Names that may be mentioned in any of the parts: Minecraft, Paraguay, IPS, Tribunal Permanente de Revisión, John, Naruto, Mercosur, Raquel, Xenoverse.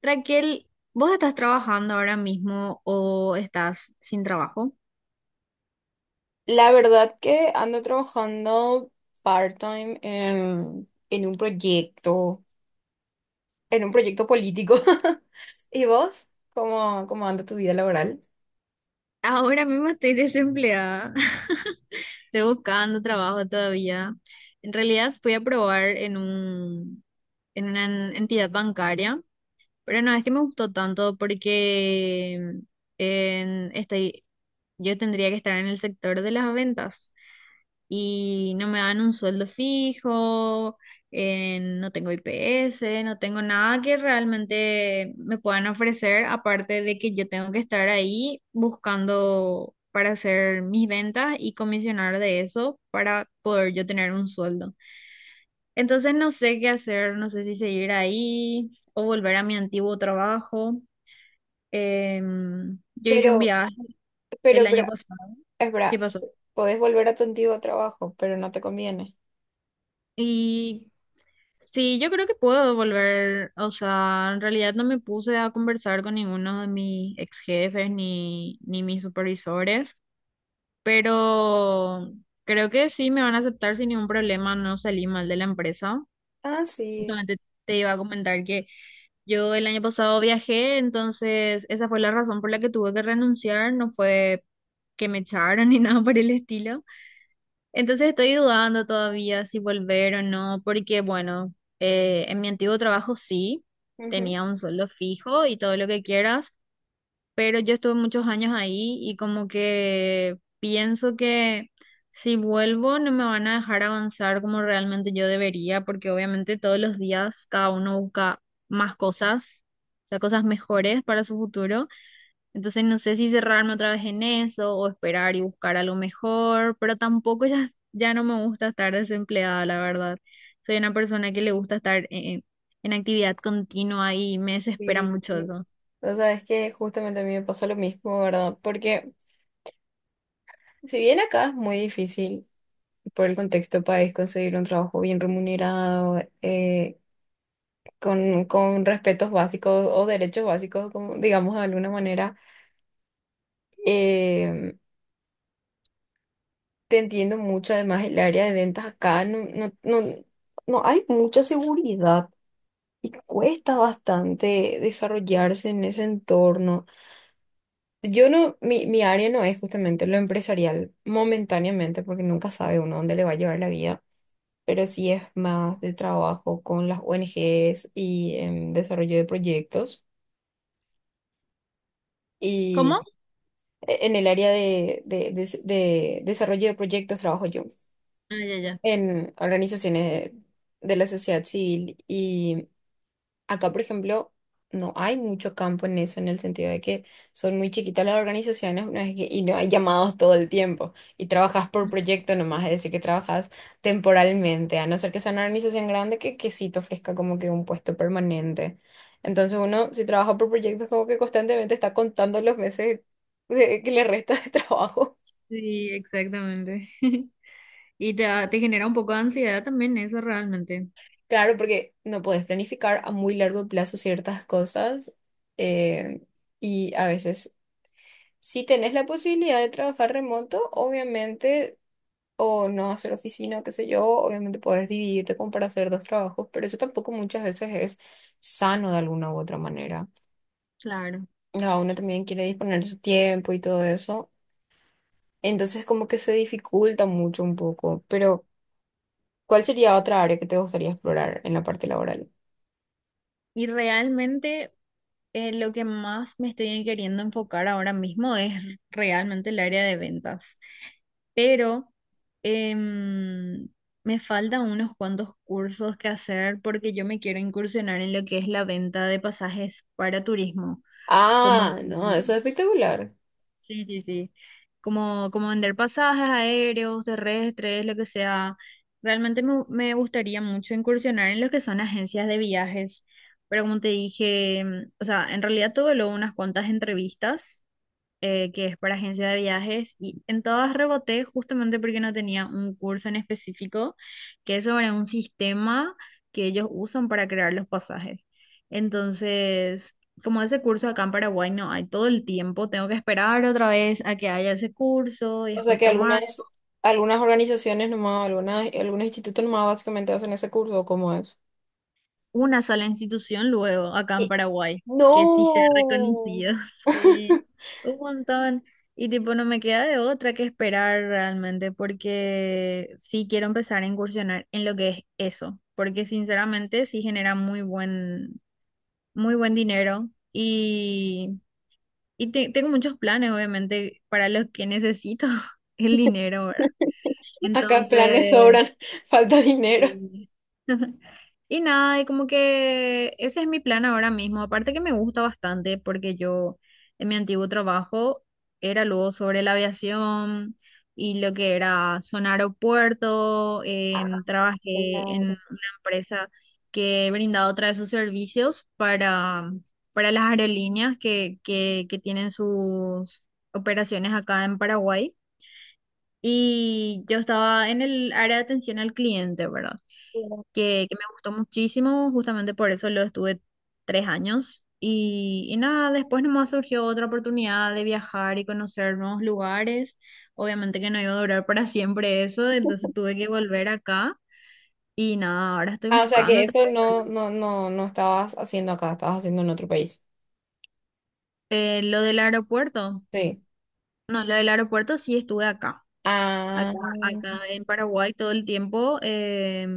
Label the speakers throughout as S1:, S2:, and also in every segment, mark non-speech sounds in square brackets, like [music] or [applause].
S1: Raquel, ¿vos estás trabajando ahora mismo o estás sin trabajo?
S2: La verdad que ando trabajando part-time en un proyecto, en un proyecto político. [laughs] ¿Y vos? ¿Cómo anda tu vida laboral?
S1: Ahora mismo estoy desempleada. [laughs] Estoy buscando trabajo todavía. En realidad fui a probar en una entidad bancaria, pero no es que me gustó tanto porque en, estoy, yo tendría que estar en el sector de las ventas, y no me dan un sueldo fijo, no tengo IPS, no tengo nada que realmente me puedan ofrecer, aparte de que yo tengo que estar ahí buscando para hacer mis ventas y comisionar de eso para poder yo tener un sueldo. Entonces no sé qué hacer, no sé si seguir ahí o volver a mi antiguo trabajo. Yo hice un
S2: Pero,
S1: viaje el
S2: pero,
S1: año
S2: pero,
S1: pasado.
S2: es
S1: ¿Qué
S2: verdad,
S1: pasó?
S2: podés volver a tu antiguo trabajo, pero no te conviene.
S1: Y sí, yo creo que puedo volver, o sea, en realidad no me puse a conversar con ninguno de mis ex jefes ni mis supervisores, pero creo que sí me van a aceptar sin ningún problema, no salí mal de la empresa.
S2: Ah, sí.
S1: Justamente te iba a comentar que yo el año pasado viajé, entonces esa fue la razón por la que tuve que renunciar, no fue que me echaron [laughs] ni nada por el estilo. Entonces estoy dudando todavía si volver o no, porque bueno, en mi antiguo trabajo sí,
S2: Ujú.
S1: tenía un sueldo fijo y todo lo que quieras, pero yo estuve muchos años ahí y como que pienso que si vuelvo no me van a dejar avanzar como realmente yo debería, porque obviamente todos los días cada uno busca más cosas, o sea, cosas mejores para su futuro. Entonces no sé si cerrarme otra vez en eso o esperar y buscar algo mejor, pero tampoco ya, ya no me gusta estar desempleada, la verdad. Soy una persona que le gusta estar en actividad continua y me desespera
S2: Sí.
S1: mucho eso.
S2: O sea, es que justamente a mí me pasó lo mismo, ¿verdad? Porque si bien acá es muy difícil por el contexto país conseguir un trabajo bien remunerado, con respetos básicos o derechos básicos, como, digamos de alguna manera. Eh, te entiendo mucho, además el área de ventas acá no hay mucha seguridad, cuesta bastante desarrollarse en ese entorno. Yo no, mi área no es justamente lo empresarial, momentáneamente, porque nunca sabe uno dónde le va a llevar la vida. Pero sí es más de trabajo con las ONGs y en desarrollo de proyectos.
S1: ¿Cómo?
S2: En el área de desarrollo de proyectos trabajo yo
S1: Ah, ya, ya.
S2: en organizaciones de la sociedad civil y acá, por ejemplo, no hay mucho campo en eso, en el sentido de que son muy chiquitas las organizaciones, y no hay llamados todo el tiempo y trabajas por proyecto nomás, es decir, que trabajas temporalmente, a no ser que sea una organización grande que sí te ofrezca como que un puesto permanente. Entonces uno, si trabaja por proyectos, como que constantemente está contando los meses que le resta de trabajo.
S1: Sí, exactamente. [laughs] Y te genera un poco de ansiedad también eso realmente.
S2: Claro, porque no puedes planificar a muy largo plazo ciertas cosas, eh, y a veces si tenés la posibilidad de trabajar remoto, obviamente, o no hacer oficina, o qué sé yo, obviamente puedes dividirte como para hacer dos trabajos, pero eso tampoco muchas veces es sano de alguna u otra manera.
S1: Claro.
S2: Cada uno también quiere disponer de su tiempo y todo eso, entonces como que se dificulta mucho un poco, pero ¿cuál sería otra área que te gustaría explorar en la parte laboral?
S1: Y realmente lo que más me estoy queriendo enfocar ahora mismo es realmente el área de ventas, pero em, me faltan unos cuantos cursos que hacer porque yo me quiero incursionar en lo que es la venta de pasajes para turismo, como
S2: Ah, no, eso es espectacular.
S1: sí, sí, sí. Como, como vender pasajes aéreos, terrestres, lo que sea. Realmente me gustaría mucho incursionar en lo que son agencias de viajes. Pero como te dije, mm, o sea, en realidad tuve luego unas cuantas entrevistas que es para agencia de viajes, y en todas reboté justamente porque no tenía un curso en específico que es sobre un sistema que ellos usan para crear los pasajes. Entonces, como ese curso acá en Paraguay no hay todo el tiempo, tengo que esperar otra vez a que haya ese curso y
S2: O sea
S1: después
S2: que
S1: tomar.
S2: algunas organizaciones nomás, algunos institutos nomás básicamente hacen ese curso, ¿cómo es?
S1: Una sola institución luego acá en
S2: Eh,
S1: Paraguay, que sí sea
S2: No.
S1: reconocido, [laughs] sí,
S2: [laughs]
S1: un montón. Y tipo, no me queda de otra que esperar realmente, porque sí quiero empezar a incursionar en lo que es eso, porque sinceramente sí genera muy buen dinero y tengo muchos planes, obviamente, para los que necesito [laughs] el dinero, ¿verdad?
S2: Acá planes
S1: Entonces,
S2: sobran, [laughs] falta dinero.
S1: sí. Y nada, y como que ese es mi plan ahora mismo. Aparte que me gusta bastante porque yo en mi antiguo trabajo era luego sobre la aviación y lo que era zona aeropuerto.
S2: Ah,
S1: Trabajé en
S2: claro.
S1: una empresa que brindaba otra de sus servicios para las aerolíneas que tienen sus operaciones acá en Paraguay. Y yo estaba en el área de atención al cliente, ¿verdad?
S2: Claro.
S1: Que me gustó muchísimo, justamente por eso lo estuve 3 años. Y nada, después nomás surgió otra oportunidad de viajar y conocer nuevos lugares. Obviamente que no iba a durar para siempre eso, entonces tuve que volver acá. Y nada, ahora estoy
S2: Ah, o sea que
S1: buscando otra
S2: eso
S1: vez.
S2: no estabas haciendo acá, estabas haciendo en otro país.
S1: Lo del aeropuerto.
S2: Sí.
S1: No, lo del aeropuerto sí estuve acá.
S2: Ah,
S1: Acá, acá en Paraguay todo el tiempo,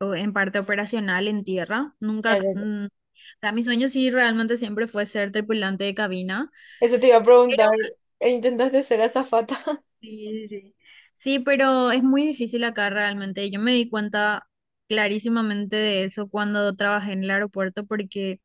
S1: o en parte operacional, en tierra. Nunca, mm, o sea, mi sueño sí realmente siempre fue ser tripulante de cabina.
S2: eso te iba a
S1: Pero,
S2: preguntar. ¿Intentaste ser azafata? [laughs]
S1: sí, sí, sí. Sí, pero es muy difícil acá realmente. Yo me di cuenta clarísimamente de eso cuando trabajé en el aeropuerto porque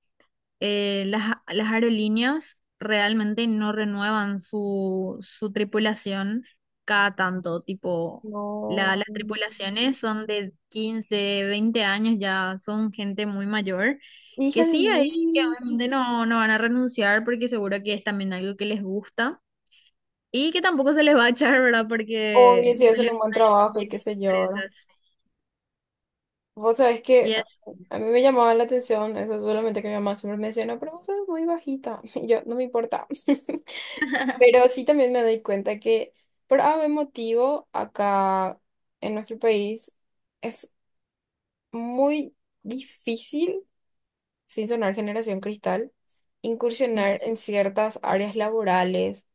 S1: las aerolíneas realmente no renuevan su tripulación cada tanto, tipo,
S2: No.
S1: las tripulaciones son de 15 20 años, ya son gente muy mayor,
S2: Hija
S1: que
S2: de
S1: sí, hay que
S2: mí.
S1: obviamente no, no van a renunciar porque seguro que es también algo que les gusta y que tampoco se les va a echar, ¿verdad?
S2: Obvio,
S1: Porque
S2: si
S1: no
S2: hacen
S1: les
S2: un buen
S1: gustan
S2: trabajo y qué
S1: buenas
S2: sé yo, ¿verdad?
S1: empresas.
S2: Vos sabés que
S1: Y
S2: a
S1: es,
S2: a mí me llamaba la atención, eso solamente que mi mamá siempre menciona, pero vos sos muy bajita. [laughs] Y yo, no me importa. [laughs] Pero sí también me doy cuenta que por algún motivo acá en nuestro país es muy difícil. Sin sonar generación cristal, incursionar en ciertas áreas laborales,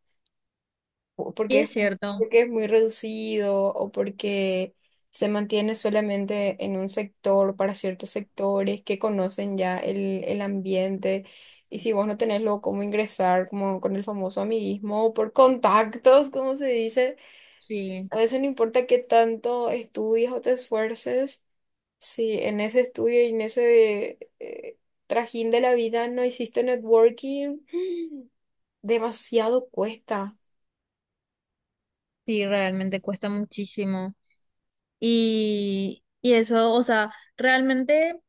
S2: o
S1: y
S2: porque es,
S1: es cierto,
S2: porque es muy reducido o porque se mantiene solamente en un sector para ciertos sectores que conocen ya el ambiente. Y si vos no tenés luego cómo ingresar, como con el famoso amiguismo o por contactos, como se dice,
S1: sí,
S2: a veces no importa qué tanto estudies o te esfuerces. Sí, en ese estudio y en ese trajín de la vida no hiciste networking. [gasps] Demasiado cuesta.
S1: sí, realmente cuesta muchísimo. Y eso, o sea, realmente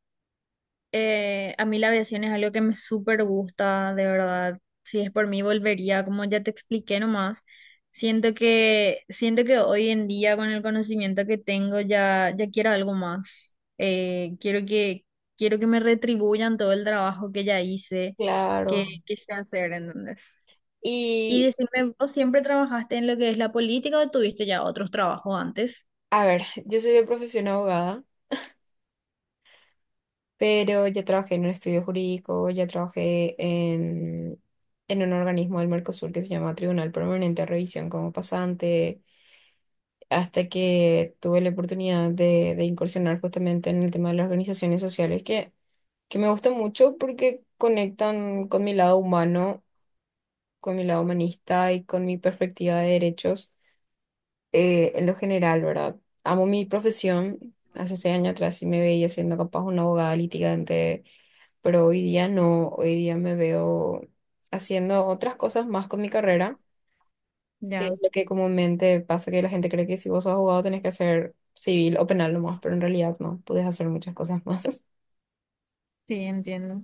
S1: a mí la aviación es algo que me súper gusta, de verdad. Si es por mí, volvería, como ya te expliqué nomás. Siento que hoy en día, con el conocimiento que tengo, ya, ya quiero algo más. Quiero que me retribuyan todo el trabajo que ya hice,
S2: Claro.
S1: que sé hacer, ¿entendés? Y
S2: Y,
S1: decime, ¿vos siempre trabajaste en lo que es la política o tuviste ya otros trabajos antes?
S2: a ver, yo soy de profesión abogada, pero ya trabajé en un estudio jurídico, ya trabajé en un organismo del Mercosur que se llama Tribunal Permanente de Revisión como pasante, hasta que tuve la oportunidad de incursionar justamente en el tema de las organizaciones sociales, que me gusta mucho porque conectan con mi lado humano, con mi lado humanista y con mi perspectiva de derechos, en lo general, ¿verdad? Amo mi profesión. Hace 6 años atrás sí me veía siendo capaz una abogada litigante, pero hoy día no. Hoy día me veo haciendo otras cosas más con mi carrera, que es
S1: Ya,
S2: lo que comúnmente pasa que la gente cree que si vos sos abogado tenés que hacer civil o penal nomás, pero en realidad no, podés hacer muchas cosas más. [laughs]
S1: sí, entiendo.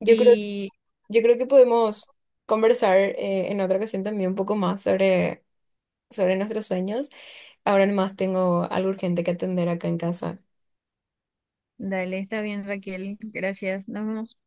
S2: Yo creo
S1: Y
S2: Yo creo que podemos conversar en otra ocasión también un poco más sobre nuestros sueños. Ahora nomás tengo algo urgente que atender acá en casa.
S1: dale, está bien, Raquel. Gracias. Nos vemos.